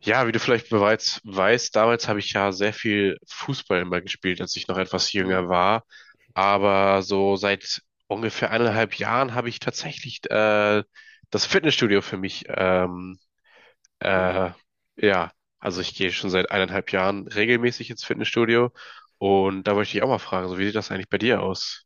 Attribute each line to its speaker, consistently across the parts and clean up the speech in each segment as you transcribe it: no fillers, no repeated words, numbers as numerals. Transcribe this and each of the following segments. Speaker 1: Ja, wie du vielleicht bereits weißt, damals habe ich ja sehr viel Fußball immer gespielt, als ich noch etwas
Speaker 2: Mhm.
Speaker 1: jünger war. Aber so seit ungefähr eineinhalb Jahren habe ich tatsächlich das Fitnessstudio für mich.
Speaker 2: Hm.
Speaker 1: Äh, ja, also ich gehe schon seit eineinhalb Jahren regelmäßig ins Fitnessstudio. Und da wollte ich dich auch mal fragen, so wie sieht das eigentlich bei dir aus?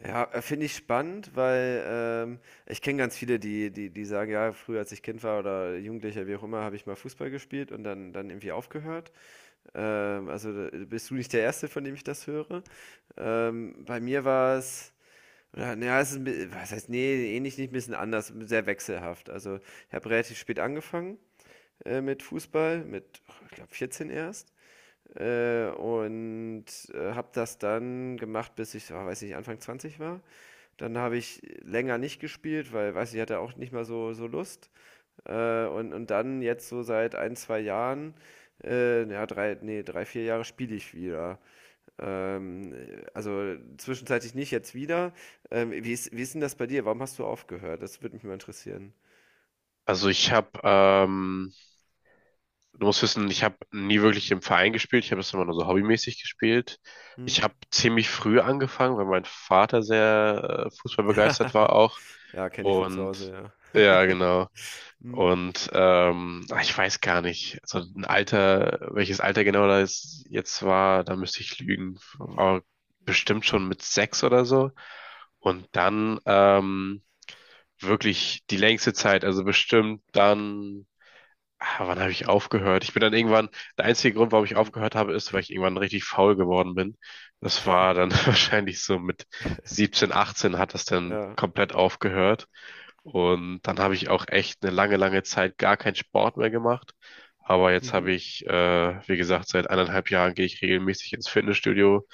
Speaker 2: Ja, finde ich spannend, weil ich kenne ganz viele, die sagen, ja, früher als ich Kind war oder Jugendlicher, wie auch immer, habe ich mal Fußball gespielt und dann irgendwie aufgehört. Also da bist du nicht der Erste, von dem ich das höre. Bei mir war es, oder, naja, es ist was heißt, nee, ähnlich nicht, ein bisschen anders, sehr wechselhaft. Also ich habe relativ spät angefangen mit Fußball, mit, oh, ich glaube, 14 erst. Und habe das dann gemacht, bis ich, oh, weiß nicht, Anfang 20 war. Dann habe ich länger nicht gespielt, weil, weiß ich, hatte auch nicht mal so, Lust. Und dann jetzt so seit ein, zwei Jahren, ja, drei, nee, 3, 4 Jahre spiele ich wieder. Ähm, also zwischenzeitlich nicht, jetzt wieder. Wie ist denn das bei dir? Warum hast du aufgehört? Das würde mich mal interessieren.
Speaker 1: Also ich habe du musst wissen, ich habe nie wirklich im Verein gespielt. Ich habe das immer nur so hobbymäßig gespielt.
Speaker 2: Hm?
Speaker 1: Ich habe ziemlich früh angefangen, weil mein Vater sehr fußballbegeistert war auch.
Speaker 2: Ja, kenne ich von zu Hause,
Speaker 1: Und
Speaker 2: ja.
Speaker 1: ja, genau.
Speaker 2: Hm?
Speaker 1: Und ich weiß gar nicht, so ein Alter, welches Alter genau das jetzt war, da müsste ich lügen. Aber bestimmt schon mit sechs oder so. Und dann wirklich die längste Zeit, also bestimmt dann ah, wann habe ich aufgehört? Ich bin dann irgendwann, der einzige Grund, warum ich
Speaker 2: Hm.
Speaker 1: aufgehört habe, ist, weil ich irgendwann richtig faul geworden bin. Das war dann wahrscheinlich so mit 17, 18 hat das dann
Speaker 2: Ja.
Speaker 1: komplett aufgehört. Und dann habe ich auch echt eine lange, lange Zeit gar keinen Sport mehr gemacht. Aber jetzt habe
Speaker 2: Mhm.
Speaker 1: ich, wie gesagt, seit eineinhalb Jahren gehe ich regelmäßig ins Fitnessstudio.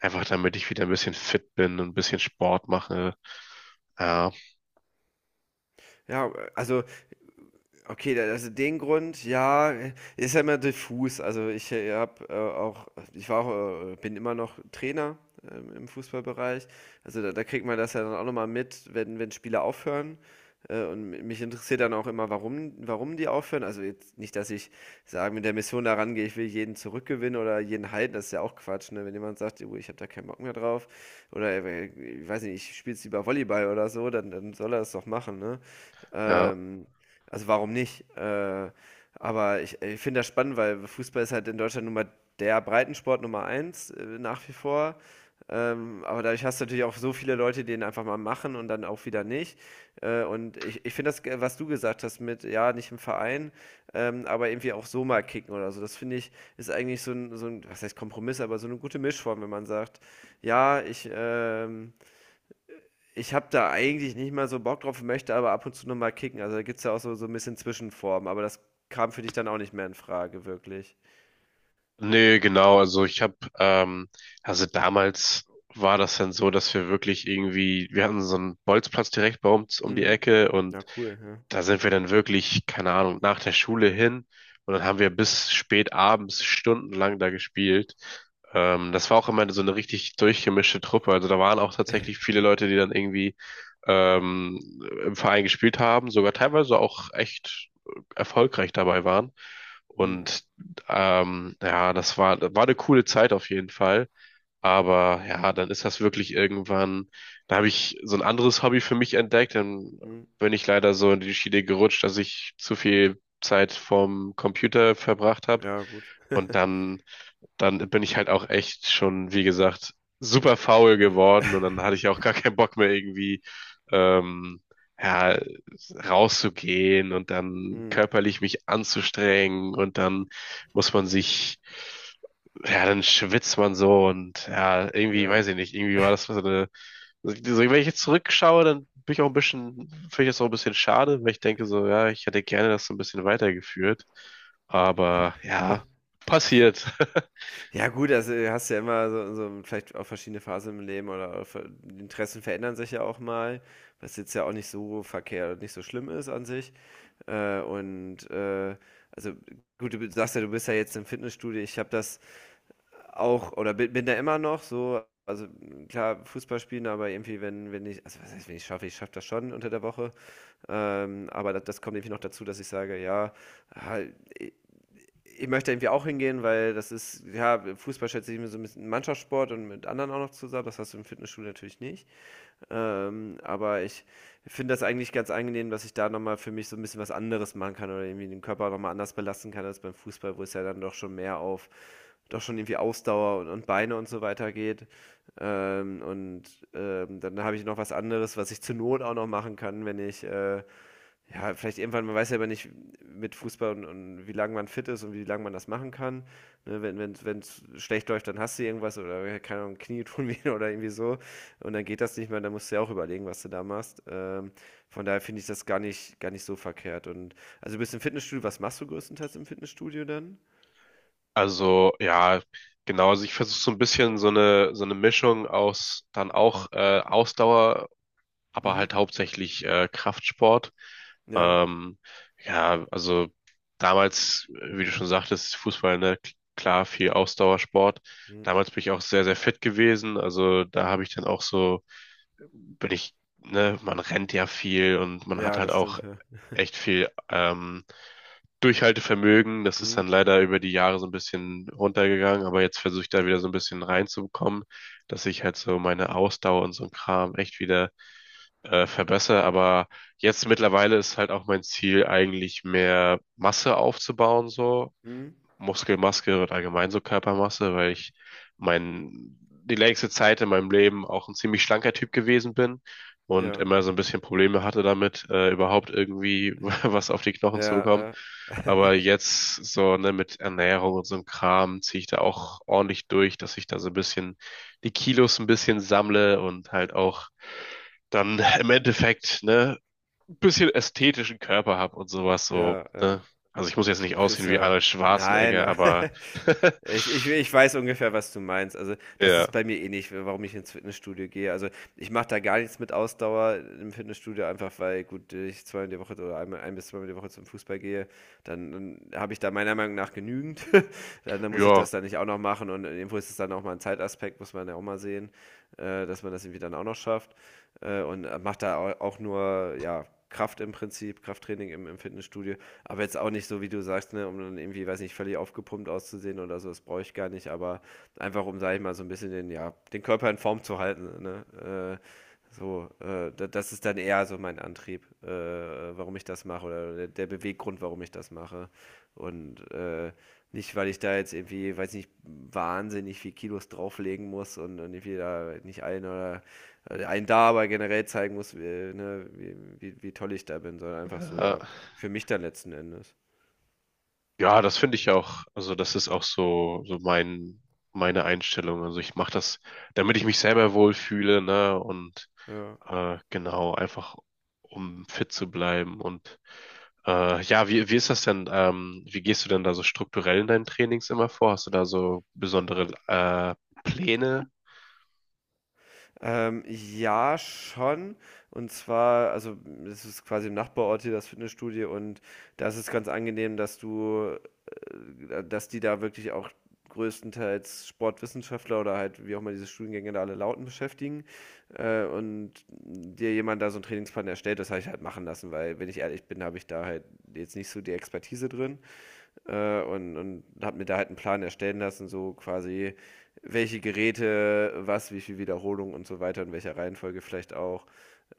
Speaker 1: Einfach damit ich wieder ein bisschen fit bin und ein bisschen Sport mache. Ja,
Speaker 2: Ja, also okay, also den Grund, ja, ist ja immer diffus. Also ich hab, auch, ich war auch, bin immer noch Trainer im Fußballbereich. Also da kriegt man das ja dann auch nochmal mit, wenn, Spieler aufhören. Und mich interessiert dann auch immer, warum, die aufhören. Also jetzt nicht, dass ich sage, mit der Mission da rangehe, ich will jeden zurückgewinnen oder jeden halten, das ist ja auch Quatsch, ne? Wenn jemand sagt: "Oh, ich habe da keinen Bock mehr drauf oder ich weiß nicht, ich spiele jetzt lieber Volleyball oder so, dann, soll er das doch machen, ne?"
Speaker 1: ja.
Speaker 2: Ähm, also warum nicht? Aber ich finde das spannend, weil Fußball ist halt in Deutschland nun mal der Breitensport Nummer eins, nach wie vor. Aber dadurch hast du natürlich auch so viele Leute, die ihn einfach mal machen und dann auch wieder nicht. Und ich finde das, was du gesagt hast mit, ja, nicht im Verein, aber irgendwie auch so mal kicken oder so. Das finde ich, ist eigentlich so ein, was heißt Kompromiss, aber so eine gute Mischform, wenn man sagt, ja, ich habe da eigentlich nicht mal so Bock drauf, möchte aber ab und zu noch mal kicken. Also, da gibt's ja auch so ein bisschen Zwischenformen, aber das kam für dich dann auch nicht mehr in Frage wirklich.
Speaker 1: Nee, genau. Also ich habe, also damals war das dann so, dass wir wirklich irgendwie, wir hatten so einen Bolzplatz direkt bei uns um die
Speaker 2: Mhm.
Speaker 1: Ecke und
Speaker 2: Ja, cool, ja.
Speaker 1: da sind wir dann wirklich, keine Ahnung, nach der Schule hin und dann haben wir bis spät abends stundenlang da gespielt. Das war auch immer so eine richtig durchgemischte Truppe. Also da waren auch tatsächlich viele Leute, die dann irgendwie ähm, im Verein gespielt haben, sogar teilweise auch echt erfolgreich dabei waren.
Speaker 2: Mhm,
Speaker 1: Und ja, das war, war eine coole Zeit auf jeden Fall. Aber ja, dann ist das wirklich irgendwann, da habe ich so ein anderes Hobby für mich entdeckt, dann
Speaker 2: mhm.
Speaker 1: bin ich leider so in die Schiene gerutscht, dass ich zu viel Zeit vorm Computer verbracht habe.
Speaker 2: Ja, gut.
Speaker 1: Und dann bin ich halt auch echt schon, wie gesagt, super faul geworden und dann hatte ich auch gar keinen Bock mehr irgendwie ähm, ja, rauszugehen und dann
Speaker 2: Mhm,
Speaker 1: körperlich mich anzustrengen und dann muss man sich, ja, dann schwitzt man so und ja, irgendwie,
Speaker 2: ja.
Speaker 1: weiß ich nicht, irgendwie war das so eine, so, wenn ich jetzt zurückschaue, dann bin ich auch ein bisschen, finde ich das auch ein bisschen schade, weil ich denke so, ja, ich hätte gerne das so ein bisschen weitergeführt, aber ja, passiert.
Speaker 2: Ja gut, also, hast ja immer so vielleicht auch verschiedene Phasen im Leben oder auch ver die Interessen verändern sich ja auch mal, was jetzt ja auch nicht so verkehrt und nicht so schlimm ist an sich. Und, also, gut, du sagst ja, du bist ja jetzt im Fitnessstudio. Ich habe das auch, oder bin da immer noch so, also, klar, Fußball spielen, aber irgendwie, wenn ich, also, was heißt, wenn ich schaffe, ich schaffe das schon unter der Woche, aber da das kommt irgendwie noch dazu, dass ich sage: „Ja, ah, i ich möchte irgendwie auch hingehen, weil das ist ja, Fußball schätze ich mir so ein bisschen Mannschaftssport und mit anderen auch noch zusammen. Das hast du im Fitnessstudio natürlich nicht." Aber ich finde das eigentlich ganz angenehm, dass ich da noch mal für mich so ein bisschen was anderes machen kann oder irgendwie den Körper noch mal anders belasten kann als beim Fußball, wo es ja dann doch schon mehr auf doch schon irgendwie Ausdauer und, Beine und so weiter geht. Ähm, und Dann habe ich noch was anderes, was ich zur Not auch noch machen kann, wenn ich, ja, vielleicht irgendwann, man weiß ja aber nicht mit Fußball und, wie lange man fit ist und wie lange man das machen kann. Ne, wenn es schlecht läuft, dann hast du irgendwas oder ja, keine Ahnung, Knie tun weh oder irgendwie so. Und dann geht das nicht mehr, dann musst du ja auch überlegen, was du da machst. Von daher finde ich das gar nicht so verkehrt. Und also du bist im Fitnessstudio, was machst du größtenteils im Fitnessstudio dann?
Speaker 1: Also ja, genau. Also ich versuche so ein bisschen so eine Mischung aus dann auch Ausdauer, aber
Speaker 2: Mhm.
Speaker 1: halt hauptsächlich Kraftsport.
Speaker 2: Ja.
Speaker 1: Ähm, ja, also damals, wie du schon sagtest, Fußball, ne, klar, viel Ausdauersport.
Speaker 2: Mhm.
Speaker 1: Damals bin ich auch sehr, sehr fit gewesen. Also da habe ich dann auch so, bin ich, ne, man rennt ja viel und man hat
Speaker 2: Ja,
Speaker 1: halt
Speaker 2: das
Speaker 1: auch
Speaker 2: stimmt, ja.
Speaker 1: echt viel Durchhaltevermögen. Das ist dann
Speaker 2: Mhm.
Speaker 1: leider über die Jahre so ein bisschen runtergegangen, aber jetzt versuche ich da wieder so ein bisschen reinzubekommen, dass ich halt so meine Ausdauer und so ein Kram echt wieder verbessere. Aber jetzt mittlerweile ist halt auch mein Ziel, eigentlich mehr Masse aufzubauen, so.
Speaker 2: Mhm.
Speaker 1: Muskelmasse und allgemein so Körpermasse, weil ich mein, die längste Zeit in meinem Leben auch ein ziemlich schlanker Typ gewesen bin und
Speaker 2: Ja.
Speaker 1: immer so ein bisschen Probleme hatte damit, überhaupt irgendwie was auf die Knochen zu
Speaker 2: Ja,
Speaker 1: bekommen.
Speaker 2: ja.
Speaker 1: Aber jetzt so, ne, mit Ernährung und so einem Kram ziehe ich da auch ordentlich durch, dass ich da so ein bisschen die Kilos ein bisschen sammle und halt auch dann im Endeffekt, ne, ein bisschen ästhetischen Körper habe und sowas so,
Speaker 2: Ja, ja.
Speaker 1: ne? Also ich muss jetzt nicht
Speaker 2: Ach, ist
Speaker 1: aussehen wie
Speaker 2: ja
Speaker 1: Arnold
Speaker 2: nein,
Speaker 1: Schwarzenegger,
Speaker 2: aber
Speaker 1: aber
Speaker 2: ich weiß ungefähr, was du meinst. Also, das ist
Speaker 1: ja,
Speaker 2: bei mir eh nicht, warum ich ins Fitnessstudio gehe. Also, ich mache da gar nichts mit Ausdauer im Fitnessstudio, einfach weil, gut, ich zweimal die Woche oder einmal ein bis zweimal die Woche zum Fußball gehe, dann habe ich da meiner Meinung nach genügend. Dann muss ich
Speaker 1: ja,
Speaker 2: das dann nicht auch noch machen und irgendwo ist es dann auch mal ein Zeitaspekt, muss man ja auch mal sehen, dass man das irgendwie dann auch noch schafft, und mache da au auch nur, ja, Kraft im Prinzip, Krafttraining im Fitnessstudio. Aber jetzt auch nicht so, wie du sagst, ne, um dann irgendwie, weiß nicht, völlig aufgepumpt auszusehen oder so, das brauche ich gar nicht, aber einfach um, sag ich mal, so ein bisschen den, ja, den Körper in Form zu halten, ne? Das ist dann eher so mein Antrieb, warum ich das mache oder der Beweggrund, warum ich das mache. Und nicht, weil ich da jetzt irgendwie, weiß nicht, wahnsinnig viel Kilos drauflegen muss und, irgendwie da nicht ein oder einen da aber generell zeigen muss, wie, ne, wie toll ich da bin, sondern einfach so,
Speaker 1: äh,
Speaker 2: ja, für mich dann letzten Endes.
Speaker 1: ja, das finde ich auch, also das ist auch so, so mein, meine Einstellung. Also ich mache das, damit ich mich selber wohlfühle, ne? Und
Speaker 2: Ja.
Speaker 1: genau, einfach um fit zu bleiben. Und ja, wie, wie ist das denn? Wie gehst du denn da so strukturell in deinen Trainings immer vor? Hast du da so besondere Pläne?
Speaker 2: Ja, schon. Und zwar, also es ist quasi im Nachbarort hier das Fitnessstudio und da ist es ganz angenehm, dass du, dass die da wirklich auch größtenteils Sportwissenschaftler oder halt wie auch immer diese Studiengänge da alle lauten beschäftigen und dir jemand da so einen Trainingsplan erstellt, das habe ich halt machen lassen, weil wenn ich ehrlich bin, habe ich da halt jetzt nicht so die Expertise drin. Und, habe mir da halt einen Plan erstellen lassen, so quasi welche Geräte, was, wie viel Wiederholung und so weiter, in welcher Reihenfolge vielleicht auch.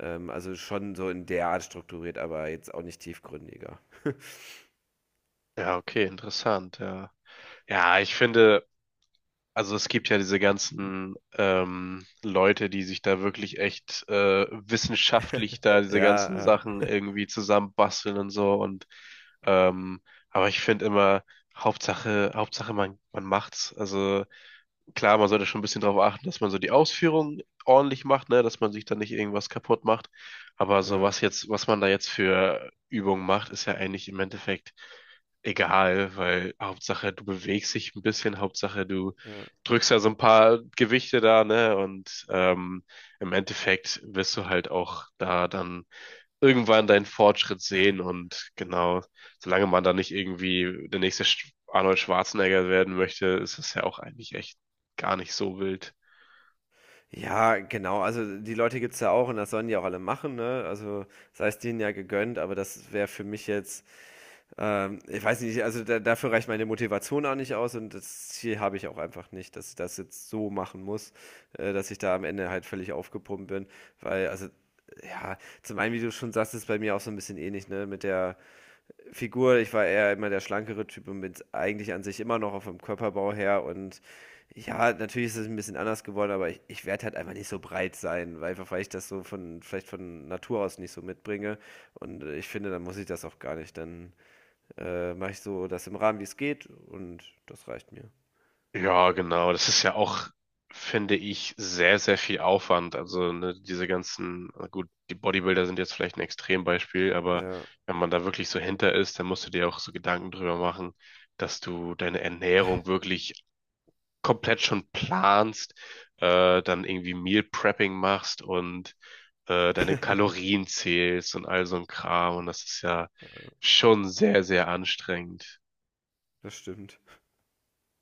Speaker 2: Also schon so in der Art strukturiert, aber jetzt auch nicht tiefgründiger.
Speaker 1: Ja, okay, interessant, ja. Ja, ich finde, also es gibt ja diese ganzen Leute, die sich da wirklich echt wissenschaftlich da diese ganzen
Speaker 2: Ja,
Speaker 1: Sachen irgendwie zusammenbasteln und so und ähm, aber ich finde immer, Hauptsache, Hauptsache man, man macht's. Also klar, man sollte schon ein bisschen darauf achten, dass man so die Ausführung ordentlich macht, ne, dass man sich dann nicht irgendwas kaputt macht. Aber so
Speaker 2: ja,
Speaker 1: was jetzt, was man da jetzt für Übungen macht, ist ja eigentlich im Endeffekt egal, weil Hauptsache du bewegst dich ein bisschen, Hauptsache du
Speaker 2: ja.
Speaker 1: drückst ja so ein paar Gewichte da, ne, und im Endeffekt wirst du halt auch da dann irgendwann deinen Fortschritt sehen und genau, solange man da nicht irgendwie der nächste Arnold Schwarzenegger werden möchte, ist es ja auch eigentlich echt gar nicht so wild.
Speaker 2: Ja, genau. Also die Leute gibt es ja auch und das sollen die auch alle machen, ne? Also sei es denen ja gegönnt, aber das wäre für mich jetzt. Ich weiß nicht, also da, dafür reicht meine Motivation auch nicht aus und das Ziel habe ich auch einfach nicht, dass ich das jetzt so machen muss, dass ich da am Ende halt völlig aufgepumpt bin, weil, also, ja, zum einen, wie du schon sagst, ist bei mir auch so ein bisschen ähnlich, ne, mit der Figur. Ich war eher immer der schlankere Typ und bin eigentlich an sich immer noch auf dem Körperbau her und ja, natürlich ist es ein bisschen anders geworden, aber ich werde halt einfach nicht so breit sein, weil einfach weil ich das so von, vielleicht von Natur aus nicht so mitbringe. Und ich finde, dann muss ich das auch gar nicht. Dann mache ich so das im Rahmen, wie es geht und das reicht mir.
Speaker 1: Ja, genau, das ist ja auch, finde ich, sehr, sehr viel Aufwand. Also ne, diese ganzen, na gut, die Bodybuilder sind jetzt vielleicht ein Extrembeispiel, aber
Speaker 2: Ja,
Speaker 1: wenn man da wirklich so hinter ist, dann musst du dir auch so Gedanken drüber machen, dass du deine Ernährung wirklich komplett schon planst, dann irgendwie Meal Prepping machst und deine Kalorien zählst und all so ein Kram. Und das ist ja schon sehr, sehr anstrengend.
Speaker 2: das stimmt.